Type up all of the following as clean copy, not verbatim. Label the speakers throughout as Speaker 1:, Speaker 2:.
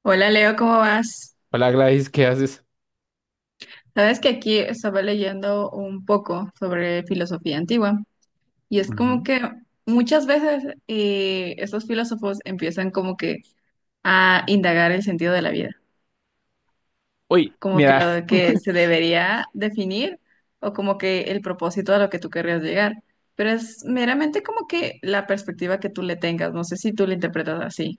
Speaker 1: Hola Leo, ¿cómo vas?
Speaker 2: Hola Gladys, ¿qué haces?
Speaker 1: Sabes que aquí estaba leyendo un poco sobre filosofía antigua y es como que muchas veces estos filósofos empiezan como que a indagar el sentido de la vida,
Speaker 2: Uy,
Speaker 1: como que
Speaker 2: mira,
Speaker 1: lo de que se debería definir o como que el propósito a lo que tú querrías llegar, pero es meramente como que la perspectiva que tú le tengas, no sé si tú lo interpretas así.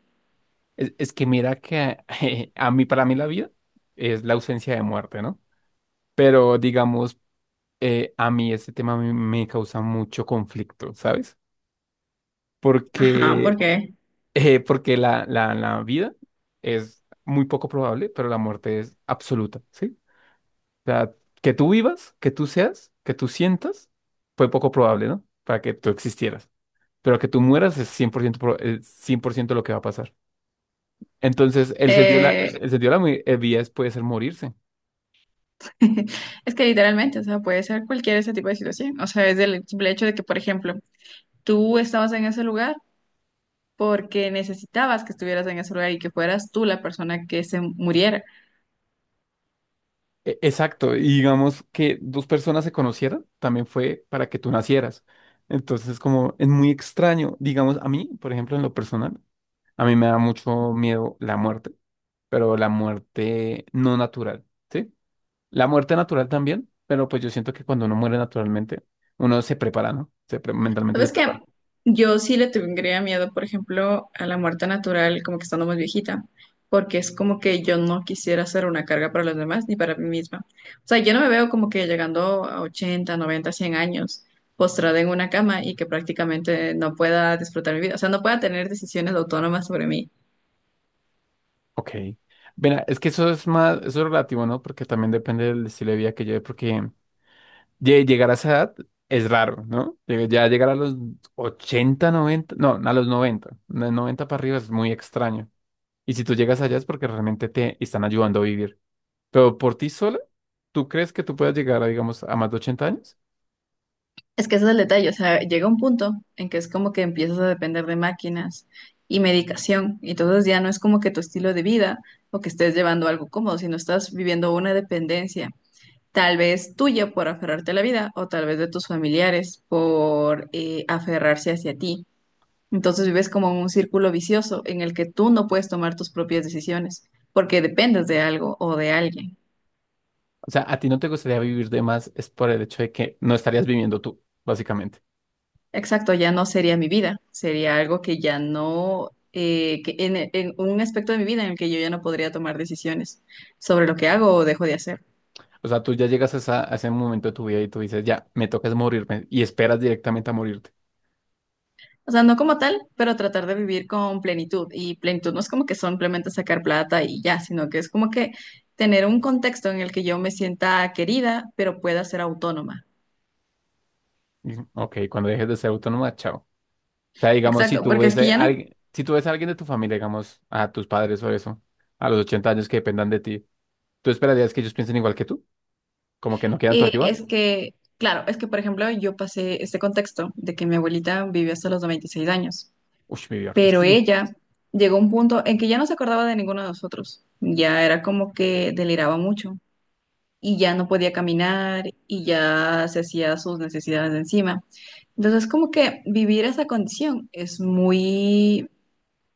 Speaker 2: es que mira que a mí, para mí la vida es la ausencia de muerte, ¿no? Pero digamos, a mí este tema me causa mucho conflicto, ¿sabes?
Speaker 1: Ajá, ¿por
Speaker 2: Porque,
Speaker 1: qué?
Speaker 2: porque la vida es muy poco probable, pero la muerte es absoluta, ¿sí? O sea, que tú vivas, que tú seas, que tú sientas, fue poco probable, ¿no? Para que tú existieras. Pero que tú mueras es 100% es 100% lo que va a pasar. Entonces,
Speaker 1: Eh,
Speaker 2: el sentido de la vida puede ser morirse.
Speaker 1: Es que literalmente, o sea, puede ser cualquier ese tipo de situación. O sea, es el simple hecho de que, por ejemplo, tú estabas en ese lugar porque necesitabas que estuvieras en ese lugar y que fueras tú la persona que se muriera.
Speaker 2: Exacto, y digamos que dos personas se conocieran también fue para que tú nacieras. Entonces, como es muy extraño, digamos, a mí, por ejemplo, en lo personal, a mí me da mucho miedo la muerte, pero la muerte no natural, ¿sí? La muerte natural también, pero pues yo siento que cuando uno muere naturalmente, uno se prepara, ¿no? Mentalmente se
Speaker 1: ¿Sabes qué?
Speaker 2: prepara.
Speaker 1: Yo sí le tendría miedo, por ejemplo, a la muerte natural, como que estando más viejita, porque es como que yo no quisiera ser una carga para los demás ni para mí misma. O sea, yo no me veo como que llegando a 80, 90, 100 años, postrada en una cama y que prácticamente no pueda disfrutar mi vida. O sea, no pueda tener decisiones autónomas sobre mí.
Speaker 2: Ok. Mira, es que eso es más, eso es relativo, ¿no? Porque también depende del estilo de vida que lleve, porque llegar a esa edad es raro, ¿no? Ya llegar a los 80, 90, no, a los 90, de 90 para arriba es muy extraño. Y si tú llegas allá es porque realmente te están ayudando a vivir. Pero por ti sola, ¿tú crees que tú puedas llegar, a, digamos, a más de 80 años?
Speaker 1: Es que ese es el detalle, o sea, llega un punto en que es como que empiezas a depender de máquinas y medicación, y entonces ya no es como que tu estilo de vida o que estés llevando algo cómodo, sino estás viviendo una dependencia, tal vez tuya por aferrarte a la vida o tal vez de tus familiares por aferrarse hacia ti. Entonces vives como en un círculo vicioso en el que tú no puedes tomar tus propias decisiones porque dependes de algo o de alguien.
Speaker 2: O sea, a ti no te gustaría vivir de más es por el hecho de que no estarías viviendo tú, básicamente.
Speaker 1: Exacto, ya no sería mi vida, sería algo que ya no, que en un aspecto de mi vida en el que yo ya no podría tomar decisiones sobre lo que hago o dejo de hacer.
Speaker 2: O sea, tú ya llegas a ese momento de tu vida y tú dices, ya, me toca es morirme y esperas directamente a morirte.
Speaker 1: O sea, no como tal, pero tratar de vivir con plenitud. Y plenitud no es como que simplemente sacar plata y ya, sino que es como que tener un contexto en el que yo me sienta querida, pero pueda ser autónoma.
Speaker 2: Y, ok, cuando dejes de ser autónoma, chao. Sea, digamos, si
Speaker 1: Exacto,
Speaker 2: tú
Speaker 1: porque es
Speaker 2: ves
Speaker 1: que
Speaker 2: a
Speaker 1: ya no,
Speaker 2: alguien, si tú ves a alguien de tu familia, digamos, a tus padres o eso, a los 80 años que dependan de ti, ¿tú esperarías que ellos piensen igual que tú? ¿Como que no quieran tu ayuda?
Speaker 1: es que, claro, es que por ejemplo yo pasé este contexto de que mi abuelita vivió hasta los 96 años.
Speaker 2: Uy, mi vida
Speaker 1: Pero
Speaker 2: artística.
Speaker 1: ella llegó a un punto en que ya no se acordaba de ninguno de nosotros. Ya era como que deliraba mucho y ya no podía caminar y ya se hacía sus necesidades de encima. Entonces, como que vivir esa condición es muy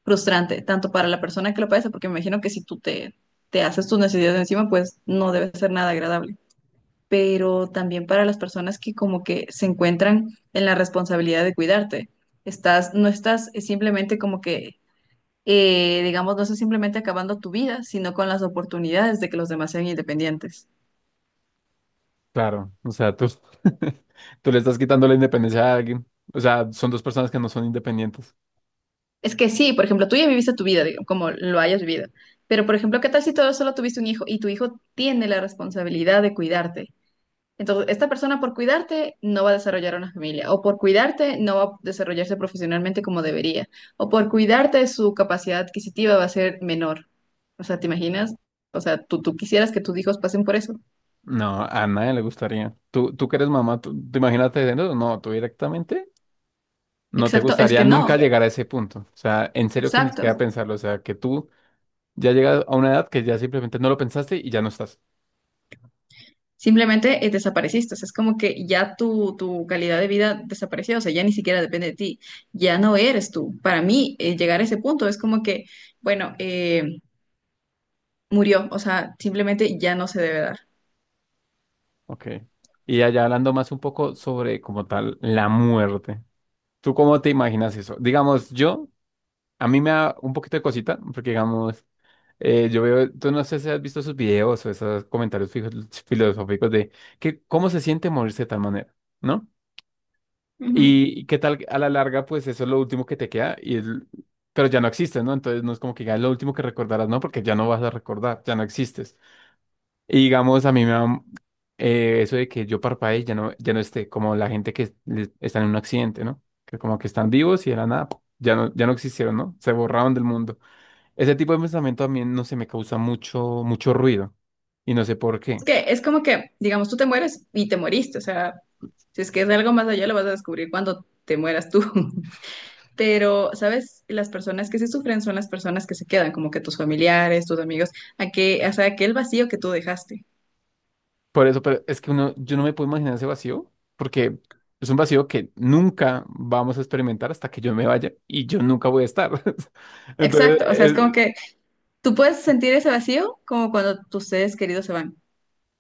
Speaker 1: frustrante, tanto para la persona que lo padece, porque me imagino que si te haces tus necesidades de encima, pues no debe ser nada agradable. Pero también para las personas que como que se encuentran en la responsabilidad de cuidarte no estás simplemente como que digamos, no es simplemente acabando tu vida, sino con las oportunidades de que los demás sean independientes.
Speaker 2: Claro, o sea, tú, tú le estás quitando la independencia a alguien. O sea, son dos personas que no son independientes.
Speaker 1: Es que sí, por ejemplo, tú ya viviste tu vida, digo, como lo hayas vivido, pero por ejemplo, ¿qué tal si todo solo tuviste un hijo y tu hijo tiene la responsabilidad de cuidarte? Entonces, esta persona por cuidarte no va a desarrollar una familia, o por cuidarte no va a desarrollarse profesionalmente como debería, o por cuidarte su capacidad adquisitiva va a ser menor. O sea, ¿te imaginas? O sea, tú quisieras que tus hijos pasen por eso?
Speaker 2: No, a nadie le gustaría. Tú que eres mamá, tú imagínate, no, no, tú directamente no te
Speaker 1: Exacto, es
Speaker 2: gustaría
Speaker 1: que no,
Speaker 2: nunca llegar a ese punto. O sea, en serio que ni siquiera
Speaker 1: exacto.
Speaker 2: pensarlo. O sea, que tú ya llegas a una edad que ya simplemente no lo pensaste y ya no estás.
Speaker 1: Simplemente desapareciste, o sea, es como que ya tu calidad de vida desapareció, o sea, ya ni siquiera depende de ti, ya no eres tú. Para mí, llegar a ese punto es como que, bueno, murió, o sea, simplemente ya no se debe dar.
Speaker 2: Ok. Y allá hablando más un poco sobre como tal la muerte. ¿Tú cómo te imaginas eso? Digamos, yo, a mí me da un poquito de cosita, porque digamos, yo veo, tú no sé si has visto esos videos o esos comentarios filosóficos de que cómo se siente morirse de tal manera, ¿no?
Speaker 1: Ujú.
Speaker 2: Y qué tal a la larga, pues eso es lo último que te queda, pero ya no existes, ¿no? Entonces no es como que ya es lo último que recordarás, ¿no? Porque ya no vas a recordar, ya no existes. Y digamos, a mí me da eso de que yo parpadee y ya no esté, como la gente está en un accidente, ¿no? Que como que están vivos y de la nada, pu, ya no existieron, ¿no? Se borraron del mundo. Ese tipo de pensamiento también no se me causa mucho, mucho ruido. Y no sé por
Speaker 1: Es
Speaker 2: qué.
Speaker 1: que es como que, digamos, tú te mueres y te moriste, o sea, si es que es algo más allá, lo vas a descubrir cuando te mueras tú. Pero, ¿sabes? Las personas que sí sufren son las personas que se quedan, como que tus familiares, tus amigos, a que, o sea, aquel vacío que tú dejaste.
Speaker 2: Por eso, pero es que uno, yo no me puedo imaginar ese vacío, porque es un vacío que nunca vamos a experimentar hasta que yo me vaya y yo nunca voy a estar. Entonces,
Speaker 1: Exacto, o sea, es como que tú puedes sentir ese vacío como cuando tus seres queridos se van,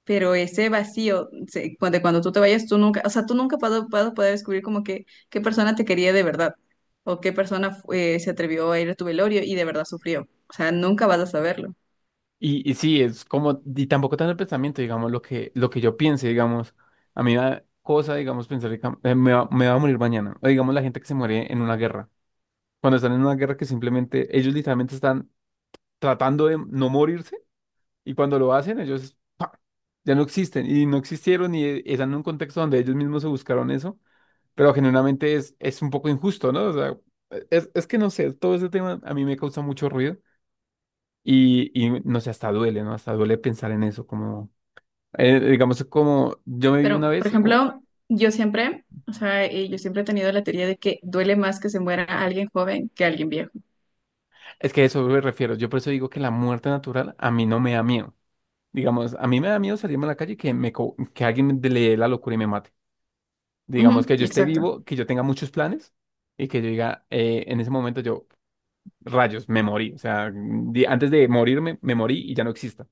Speaker 1: pero ese vacío, cuando, cuando tú te vayas, tú nunca, o sea, tú nunca vas a vas a poder descubrir como que qué persona te quería de verdad o qué persona se atrevió a ir a tu velorio y de verdad sufrió. O sea, nunca vas a saberlo.
Speaker 2: y sí, es como, y tampoco tanto el pensamiento, digamos, lo que yo piense, digamos, a mí me da cosa, digamos, pensar que me va a morir mañana, o digamos la gente que se muere en una guerra, cuando están en una guerra que simplemente ellos literalmente están tratando de no morirse, y cuando lo hacen ellos ¡pa! Ya no existen, y no existieron, y están en un contexto donde ellos mismos se buscaron eso, pero genuinamente es un poco injusto, ¿no? O sea, es que no sé, todo ese tema a mí me causa mucho ruido. Y no sé, hasta duele, ¿no? Hasta duele pensar en eso, como digamos, como yo me vi una
Speaker 1: Pero, por
Speaker 2: vez.
Speaker 1: ejemplo, yo siempre, o sea, yo siempre he tenido la teoría de que duele más que se muera alguien joven que alguien viejo.
Speaker 2: Es que a eso me refiero. Yo por eso digo que la muerte natural a mí no me da miedo. Digamos, a mí me da miedo salirme a la calle y que alguien le dé la locura y me mate.
Speaker 1: Ujú,
Speaker 2: Digamos que yo esté
Speaker 1: exacto.
Speaker 2: vivo, que yo tenga muchos planes y que yo diga, en ese momento yo, rayos, me morí. O sea, antes de morirme, me morí y ya no exista.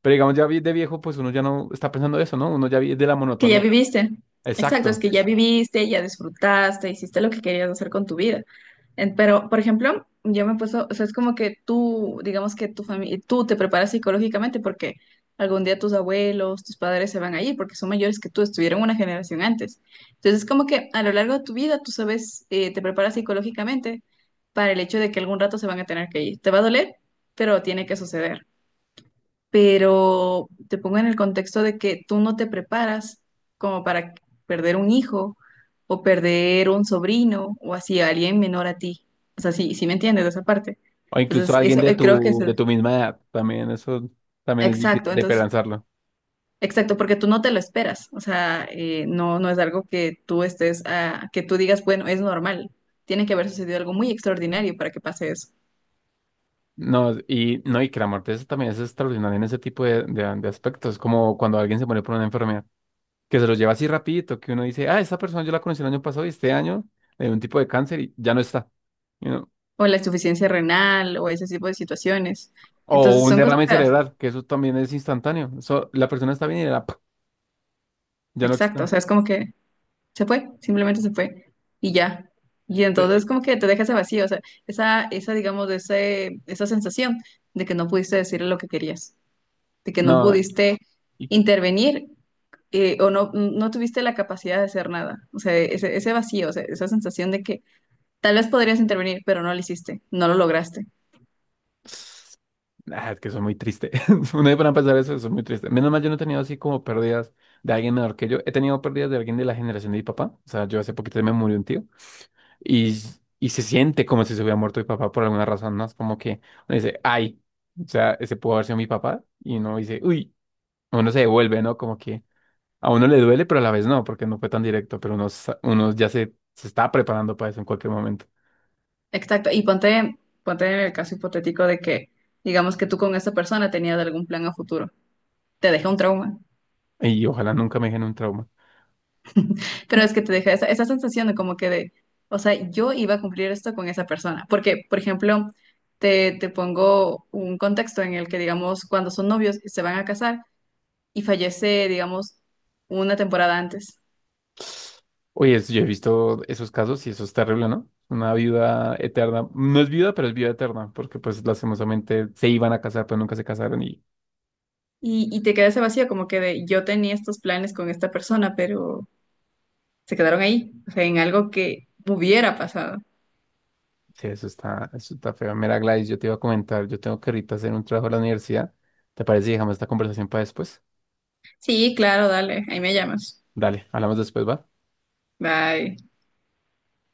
Speaker 2: Pero digamos, de viejo, pues uno ya no está pensando eso, ¿no? Uno ya vive de la
Speaker 1: Que ya
Speaker 2: monotonía.
Speaker 1: viviste. Exacto, es
Speaker 2: Exacto.
Speaker 1: que ya viviste, ya disfrutaste, hiciste lo que querías hacer con tu vida. Pero, por ejemplo, yo me he puesto, o sea, es como que tú, digamos que tu familia, tú te preparas psicológicamente porque algún día tus abuelos, tus padres se van a ir porque son mayores que tú, estuvieron una generación antes. Entonces, es como que a lo largo de tu vida tú sabes, te preparas psicológicamente para el hecho de que algún rato se van a tener que ir. Te va a doler, pero tiene que suceder, pero te pongo en el contexto de que tú no te preparas como para perder un hijo o perder un sobrino o así alguien menor a ti. O sea, sí, sí me entiendes de esa parte.
Speaker 2: O incluso
Speaker 1: Entonces,
Speaker 2: alguien
Speaker 1: eso claro, creo claro que es
Speaker 2: de tu misma edad. También eso también es
Speaker 1: exacto,
Speaker 2: difícil de
Speaker 1: entonces,
Speaker 2: pensarlo.
Speaker 1: exacto, porque tú no te lo esperas. O sea, no, no es algo que tú estés, ah, que tú digas, bueno, es normal. Tiene que haber sucedido algo muy extraordinario para que pase eso.
Speaker 2: No, y no, y que la muerte también es extraordinaria en ese tipo de aspectos, como cuando alguien se muere por una enfermedad, que se lo lleva así rapidito, que uno dice, ah, esa persona yo la conocí el año pasado y este año le dio un tipo de cáncer y ya no está. you know.
Speaker 1: O la insuficiencia renal o ese tipo de situaciones.
Speaker 2: O
Speaker 1: Entonces,
Speaker 2: un
Speaker 1: son cosas
Speaker 2: derrame
Speaker 1: feas.
Speaker 2: cerebral, que eso también es instantáneo. Eso, la persona está bien y ya no
Speaker 1: Exacto,
Speaker 2: está.
Speaker 1: o sea, es como que se fue, simplemente se fue y ya. Y
Speaker 2: Eh,
Speaker 1: entonces como que te deja ese vacío, o sea, digamos, esa sensación de que no pudiste decirle lo que querías, de que no
Speaker 2: No,
Speaker 1: pudiste
Speaker 2: y,
Speaker 1: intervenir, o no, no tuviste la capacidad de hacer nada. O sea, ese vacío, o sea, esa sensación de que tal vez podrías intervenir, pero no lo hiciste, no lo lograste.
Speaker 2: es que eso es muy triste. Uno de para empezar eso es muy triste. Menos mal yo no he tenido así como pérdidas de alguien menor que yo. He tenido pérdidas de alguien de la generación de mi papá. O sea, yo hace poquito me murió un tío. Y, y se siente como si se hubiera muerto mi papá por alguna razón, ¿no? Es como que uno dice, ay, o sea, ese pudo haber sido mi papá. Y uno dice, uy, uno se devuelve, ¿no? Como que a uno le duele, pero a la vez no, porque no fue tan directo, pero uno, uno ya se está preparando para eso en cualquier momento.
Speaker 1: Exacto. Y ponte, ponte en el caso hipotético de que, digamos que tú con esa persona tenías algún plan a futuro. Te deja un trauma.
Speaker 2: Y ojalá nunca me dejen un trauma.
Speaker 1: Pero es que te deja esa, esa sensación de como que de, o sea, yo iba a cumplir esto con esa persona. Porque, por ejemplo, te pongo un contexto en el que, digamos, cuando son novios y se van a casar y fallece, digamos, una temporada antes.
Speaker 2: Oye, yo he visto esos casos y eso es terrible, ¿no? Una viuda eterna. No es viuda, pero es viuda eterna, porque pues lastimosamente se iban a casar, pero nunca se casaron.
Speaker 1: Y te queda ese vacío como que de, yo tenía estos planes con esta persona, pero se quedaron ahí, o sea, en algo que hubiera pasado.
Speaker 2: Sí, eso está feo. Mira, Gladys, yo te iba a comentar, yo tengo que ahorita hacer un trabajo a la universidad. ¿Te parece si dejamos esta conversación para después?
Speaker 1: Sí, claro, dale, ahí me llamas.
Speaker 2: Dale, hablamos después, ¿va?
Speaker 1: Bye.